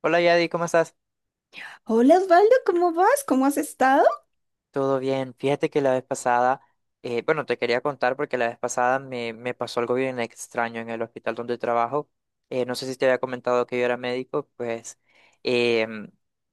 Hola Yadi, ¿cómo estás? Hola Osvaldo, ¿cómo vas? ¿Cómo has estado? Todo bien. Fíjate que la vez pasada, bueno, te quería contar porque la vez pasada me pasó algo bien extraño en el hospital donde trabajo. No sé si te había comentado que yo era médico, pues em,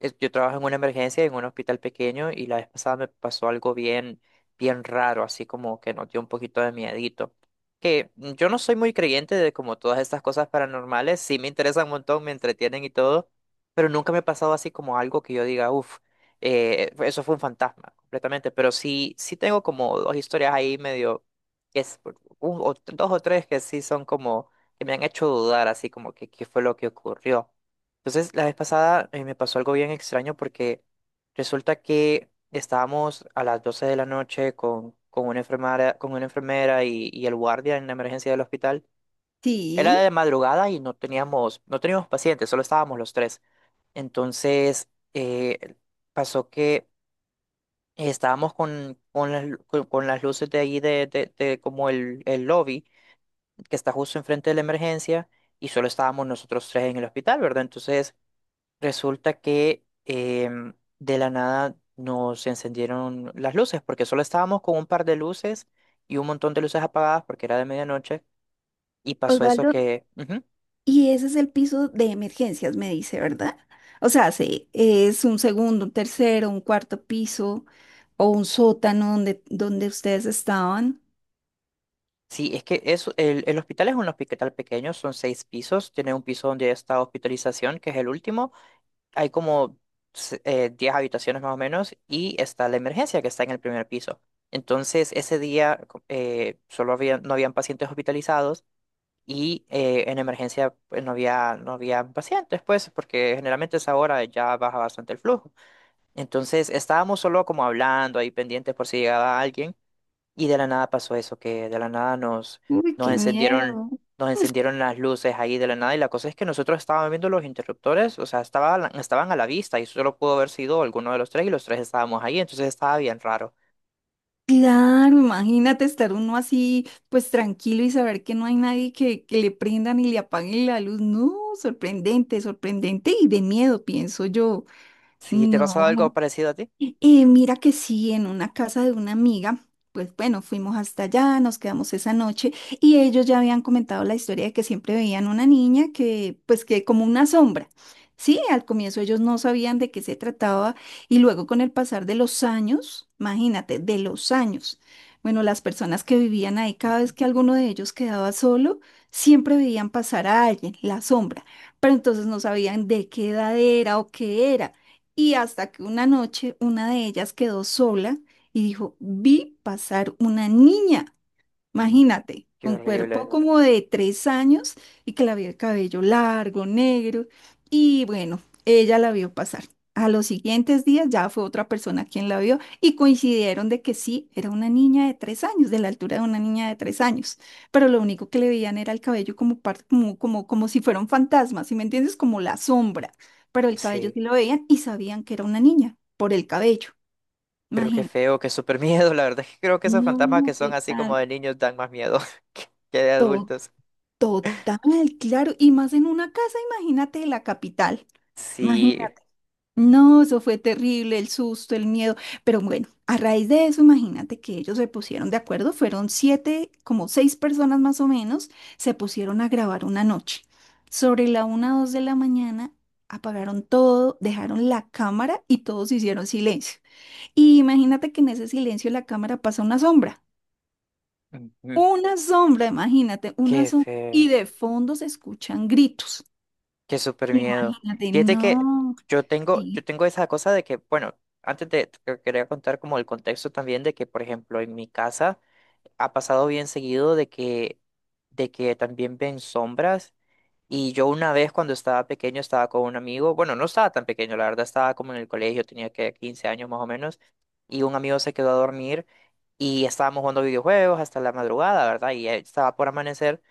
yo trabajo en una emergencia en un hospital pequeño y la vez pasada me pasó algo bien, bien raro, así como que nos dio un poquito de miedito. Que yo no soy muy creyente de como todas estas cosas paranormales, sí me interesan un montón, me entretienen y todo, pero nunca me ha pasado así como algo que yo diga, uff. Eso fue un fantasma completamente, pero sí, sí tengo como dos historias ahí medio, que es, dos o tres que sí son como, que me han hecho dudar así como que qué fue lo que ocurrió. Entonces, la vez pasada me pasó algo bien extraño porque resulta que estábamos a las 12 de la noche con una enfermera y el guardia en la emergencia del hospital. Era de Sí, madrugada y no teníamos pacientes, solo estábamos los tres. Entonces, eh, pasó que estábamos con las luces de ahí de como el lobby que está justo enfrente de la emergencia y solo estábamos nosotros tres en el hospital, ¿verdad? Entonces resulta que de la nada nos encendieron las luces porque solo estábamos con un par de luces y un montón de luces apagadas porque era de medianoche y pasó eso Osvaldo, que ujú. y ese es el piso de emergencias, me dice, ¿verdad? O sea, sí, ¿es un segundo, un tercero, un cuarto piso o un sótano donde, donde ustedes estaban? Sí, es que eso, el hospital es un hospital pequeño, son seis pisos, tiene un piso donde está hospitalización, que es el último. Hay como 10 habitaciones más o menos y está la emergencia, que está en el primer piso. Entonces, ese día solo había, no habían pacientes hospitalizados y en emergencia pues, no había pacientes, pues, porque generalmente a esa hora ya baja bastante el flujo. Entonces, estábamos solo como hablando ahí pendientes por si llegaba alguien. Y de la nada pasó eso, que de la nada Uy, nos qué miedo. encendieron, nos encendieron las luces ahí de la nada. Y la cosa es que nosotros estábamos viendo los interruptores, o sea, estaba, estaban a la vista y solo pudo haber sido alguno de los tres y los tres estábamos ahí, entonces estaba bien raro. Claro, imagínate estar uno así, pues tranquilo, y saber que no hay nadie, que, que le prendan y le apaguen la luz. No, sorprendente, sorprendente y de miedo, pienso yo. ¿Sí te ha pasado algo No. parecido a ti? Mira que sí, en una casa de una amiga, pues bueno, fuimos hasta allá, nos quedamos esa noche, y ellos ya habían comentado la historia de que siempre veían una niña que, pues, que como una sombra. Sí, al comienzo ellos no sabían de qué se trataba, y luego con el pasar de los años, imagínate, de los años, bueno, las personas que vivían ahí, cada vez Ujú. que alguno de ellos quedaba solo, siempre veían pasar a alguien, la sombra, pero entonces no sabían de qué edad era o qué era. Y hasta que una noche una de ellas quedó sola y dijo, vi pasar una niña. Mm. Imagínate, Qué con cuerpo horrible. como de tres años, y que la vio el cabello largo, negro. Y bueno, ella la vio pasar. A los siguientes días ya fue otra persona quien la vio, y coincidieron de que sí, era una niña de tres años, de la altura de una niña de tres años. Pero lo único que le veían era el cabello como, como, como, como si fuera un fantasma, ¿sí me entiendes? Como la sombra. Pero el cabello Sí, sí lo veían y sabían que era una niña por el cabello. creo que Imagínate. feo, que súper miedo. La verdad es que creo que esos fantasmas que No, son así como total. de niños dan más miedo que de adultos. Total, claro, y más en una casa, imagínate, de la capital, Sí. imagínate. No, eso fue terrible, el susto, el miedo, pero bueno, a raíz de eso, imagínate que ellos se pusieron de acuerdo, fueron siete, como seis personas más o menos, se pusieron a grabar una noche. Sobre la una o dos de la mañana, apagaron todo, dejaron la cámara y todos hicieron silencio. Y imagínate que en ese silencio la cámara pasa Ujú. una sombra, imagínate, una Qué sombra, feo. y de fondo se escuchan gritos. Qué súper miedo. Imagínate, Fíjate que no, yo sí, tengo esa cosa de que, bueno, antes de, te quería contar como el contexto también de que, por ejemplo, en mi casa ha pasado bien seguido de que también ven sombras. Y yo una vez cuando estaba pequeño estaba con un amigo, bueno, no estaba tan pequeño, la verdad, estaba como en el colegio, tenía que 15 años más o menos, y un amigo se quedó a dormir y estábamos jugando videojuegos hasta la madrugada, ¿verdad? Y ya estaba por amanecer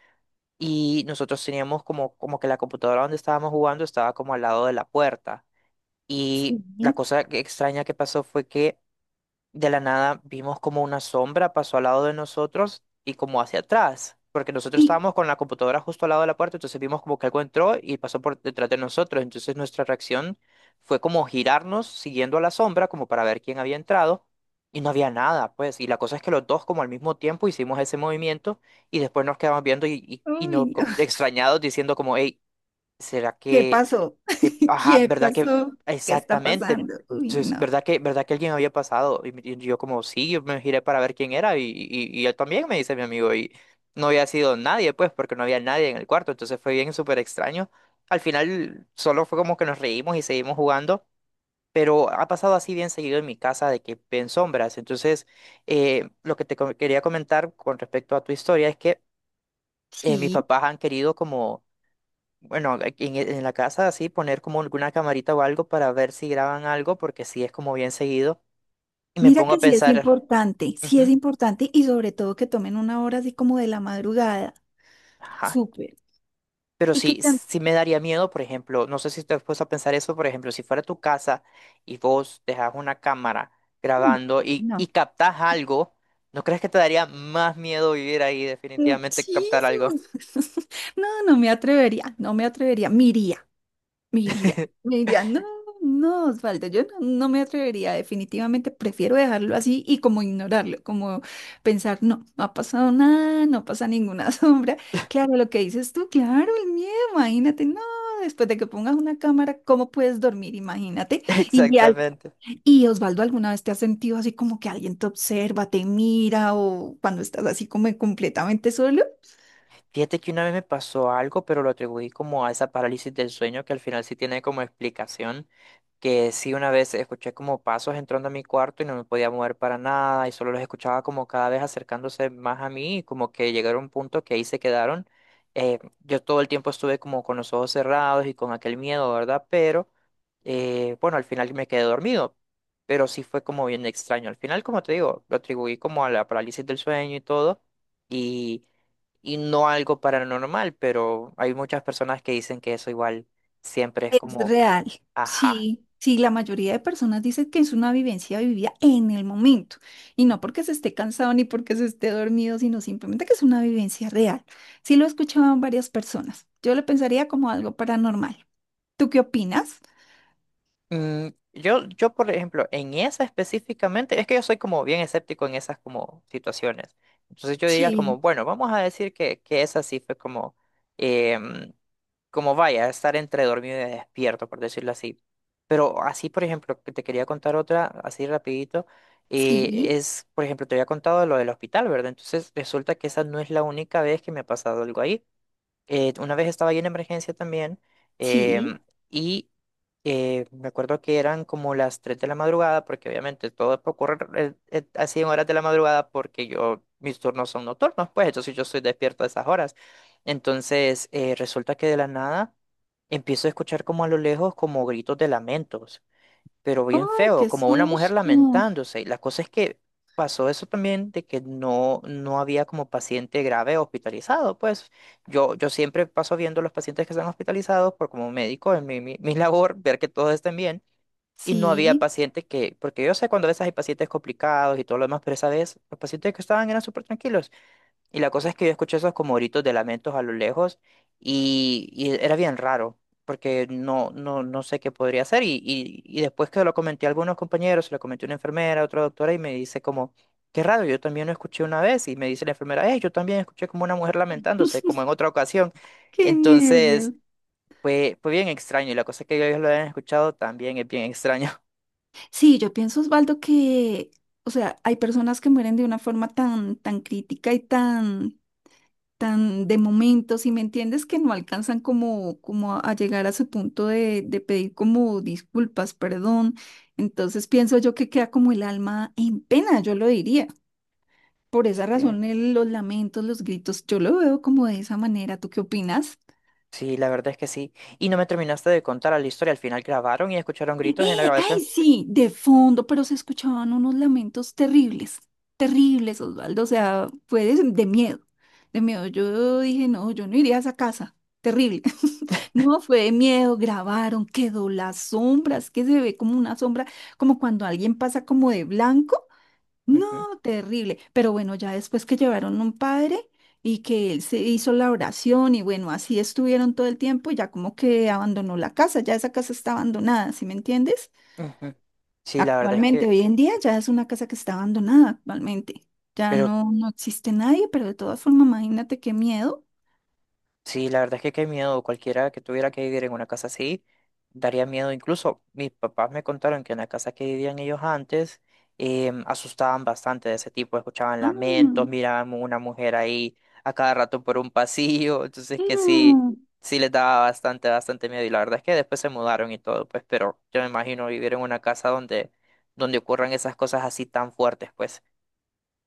y nosotros teníamos como que la computadora donde estábamos jugando estaba como al lado de la puerta. Y la sí, cosa extraña que pasó fue que de la nada vimos como una sombra pasó al lado de nosotros y como hacia atrás, porque nosotros sí. estábamos con la computadora justo al lado de la puerta, entonces vimos como que algo entró y pasó por detrás de nosotros, entonces nuestra reacción fue como girarnos siguiendo a la sombra como para ver quién había entrado y no había nada, pues, y la cosa es que los dos como al mismo tiempo hicimos ese movimiento y después nos quedamos viendo y no, Uy, no. Extrañados diciendo como, hey, ¿será ¿Qué que, pasó? Ajá, ¿Qué verdad que, pasó? ¿Qué está exactamente, pasando? Uy, entonces, no. verdad que, alguien había pasado? Y, y yo como, sí, yo me giré para ver quién era y él también me dice mi amigo y no había sido nadie, pues, porque no había nadie en el cuarto, entonces fue bien súper extraño. Al final solo fue como que nos reímos y seguimos jugando, pero ha pasado así bien seguido en mi casa de que ven sombras. Entonces, lo que quería comentar con respecto a tu historia es que mis Sí. papás han querido como bueno, aquí en la casa así poner como alguna camarita o algo para ver si graban algo, porque sí es como bien seguido. Y me Mira pongo que a sí es pensar, importante, sí es ujú, importante, y sobre todo que tomen una hora así como de la madrugada. ajá. Súper. Pero Y que sí, sí también, me daría miedo, por ejemplo, no sé si te has puesto a pensar eso, por ejemplo, si fuera tu casa y vos dejas una cámara mm, grabando y no, captás algo, ¿no crees que te daría más miedo vivir ahí definitivamente que captar muchísimo. algo? No, no me atrevería, no me atrevería. Miría, me iría, me iría, no, no, Osvaldo, yo no, no me atrevería, definitivamente prefiero dejarlo así y como ignorarlo, como pensar, no, no ha pasado nada, no pasa ninguna sombra. Claro, lo que dices tú, claro, el miedo, imagínate, no, después de que pongas una cámara, ¿cómo puedes dormir? Imagínate. Y, Exactamente. y Osvaldo, ¿alguna vez te has sentido así como que alguien te observa, te mira o cuando estás así como completamente solo? Fíjate que una vez me pasó algo, pero lo atribuí como a esa parálisis del sueño que al final sí tiene como explicación, que sí una vez escuché como pasos entrando a mi cuarto y no me podía mover para nada y solo los escuchaba como cada vez acercándose más a mí y como que llegaron a un punto que ahí se quedaron. Yo todo el tiempo estuve como con los ojos cerrados y con aquel miedo, ¿verdad? Pero bueno, al final me quedé dormido, pero sí fue como bien extraño. Al final, como te digo, lo atribuí como a la parálisis del sueño y todo y, no algo paranormal, pero hay muchas personas que dicen que eso igual siempre es Es como, real, ajá. sí, sí, la mayoría de personas dicen que es una vivencia vivida en el momento, y no porque se esté cansado ni porque se esté dormido, sino simplemente que es una vivencia real. Sí lo he escuchado en varias personas. Yo lo pensaría como algo paranormal. ¿Tú qué opinas? Mm, yo, por ejemplo, en esa específicamente, es que yo soy como bien escéptico en esas como situaciones. Entonces yo diría como, Sí, bueno, vamos a decir que esa sí fue como, em, como vaya, estar entre dormido y despierto, por decirlo así. Pero así, por ejemplo, que te quería contar otra, así rapidito, eh, sí, es, por ejemplo, te había contado lo del hospital, ¿verdad? Entonces resulta que esa no es la única vez que me ha pasado algo ahí. Una vez estaba yo en emergencia también, em, sí. y me acuerdo que eran como las 3 de la madrugada, porque obviamente todo ocurre así en horas de la madrugada porque yo, mis turnos son nocturnos, pues entonces yo estoy despierto a esas horas. Entonces resulta que de la nada empiezo a escuchar como a lo lejos como gritos de lamentos pero bien ¡Oh, feo, qué como una mujer susto! lamentándose. Y la cosa es que pasó eso también de que no, no había como paciente grave hospitalizado. Pues yo siempre paso viendo los pacientes que están hospitalizados por como médico en mi labor, ver que todos estén bien. Y no había Sí, pacientes que, porque yo sé cuando a veces hay pacientes complicados y todo lo demás, pero esa vez los pacientes que estaban eran súper tranquilos. Y la cosa es que yo escuché esos como gritos de lamentos a lo lejos y era bien raro, porque no, no, no sé qué podría ser. Y después que lo comenté a algunos compañeros, se lo comenté a una enfermera, a otra doctora, y me dice como, qué raro, yo también lo escuché una vez. Y me dice la enfermera, yo también escuché como una mujer lamentándose, como en otra ocasión. qué Entonces, nervios. Fue bien extraño. Y la cosa es que ellos lo hayan escuchado también es bien extraño. Sí, yo pienso, Osvaldo, que, o sea, hay personas que mueren de una forma tan, tan crítica y tan tan de momento, si me entiendes, que no alcanzan como, como a llegar a su punto de pedir como disculpas, perdón. Entonces pienso yo que queda como el alma en pena, yo lo diría. Por esa Sí, razón, los lamentos, los gritos, yo lo veo como de esa manera. ¿Tú qué opinas? Sí, la verdad es que sí. Y no me terminaste de contar la historia. Al final grabaron y escucharon gritos en la ¡Eh! ¡Ay, grabación. sí! De fondo, pero se escuchaban unos lamentos terribles, terribles, Osvaldo. O sea, fue de miedo, de miedo. Yo dije, no, yo no iría a esa casa. Terrible. No, fue de miedo. Grabaron, quedó las sombras, que se ve como una sombra, como cuando alguien pasa como de blanco. Ujú. No, terrible. Pero bueno, ya después que llevaron un padre y que él se hizo la oración, y bueno, así estuvieron todo el tiempo, ya como que abandonó la casa, ya esa casa está abandonada, ¿sí me entiendes? Ujú. Sí, la verdad es Actualmente, que, hoy en día ya es una casa que está abandonada actualmente. Ya pero no, no existe nadie, pero de todas formas, imagínate qué miedo. sí, la verdad es que qué miedo, cualquiera que tuviera que vivir en una casa así, daría miedo. Incluso mis papás me contaron que en la casa que vivían ellos antes, asustaban bastante de ese tipo, escuchaban Ah, lamentos, miraban una mujer ahí a cada rato por un pasillo, entonces que sí, no. sí les daba bastante, bastante miedo. Y la verdad es que después se mudaron y todo, pues, pero yo me imagino vivir en una casa donde ocurran esas cosas así tan fuertes, pues.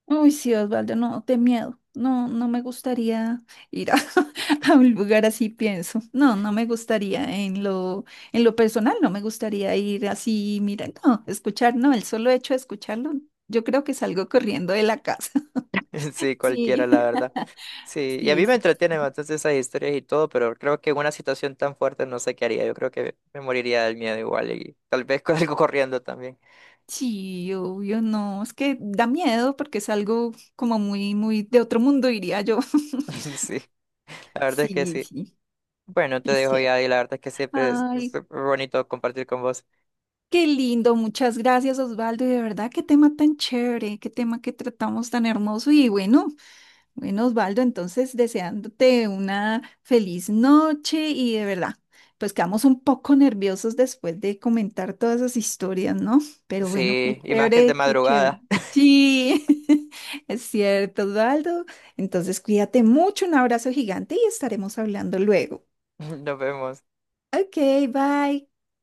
Uy, sí, Osvaldo, no, de miedo. No, no me gustaría ir a, a un lugar así, pienso. No, no me gustaría en lo personal, no me gustaría ir así, mira, no, escuchar, no, el solo hecho de escucharlo, yo creo que salgo corriendo de la casa. Sí, cualquiera, Sí, la verdad. Sí, y a sí, mí me sí. entretienen bastante esas historias y todo, pero creo que en una situación tan fuerte no sé qué haría. Yo creo que me moriría del miedo igual y tal vez con algo corriendo también. Sí, obvio, no, es que da miedo porque es algo como muy, muy de otro mundo, diría yo. Sí, la verdad es que Sí, sí. sí, Bueno, te es dejo ya cierto. y la verdad es que siempre es Ay, súper bonito compartir con vos. qué lindo, muchas gracias, Osvaldo, y de verdad, qué tema tan chévere, qué tema que tratamos tan hermoso y bueno. Bueno, Osvaldo, entonces deseándote una feliz noche y de verdad, pues quedamos un poco nerviosos después de comentar todas esas historias, ¿no? Pero bueno, qué Sí, y más que de chévere, qué chévere. madrugada. Sí, es cierto, Osvaldo. Entonces cuídate mucho, un abrazo gigante y estaremos hablando luego. Nos vemos. Ok, bye.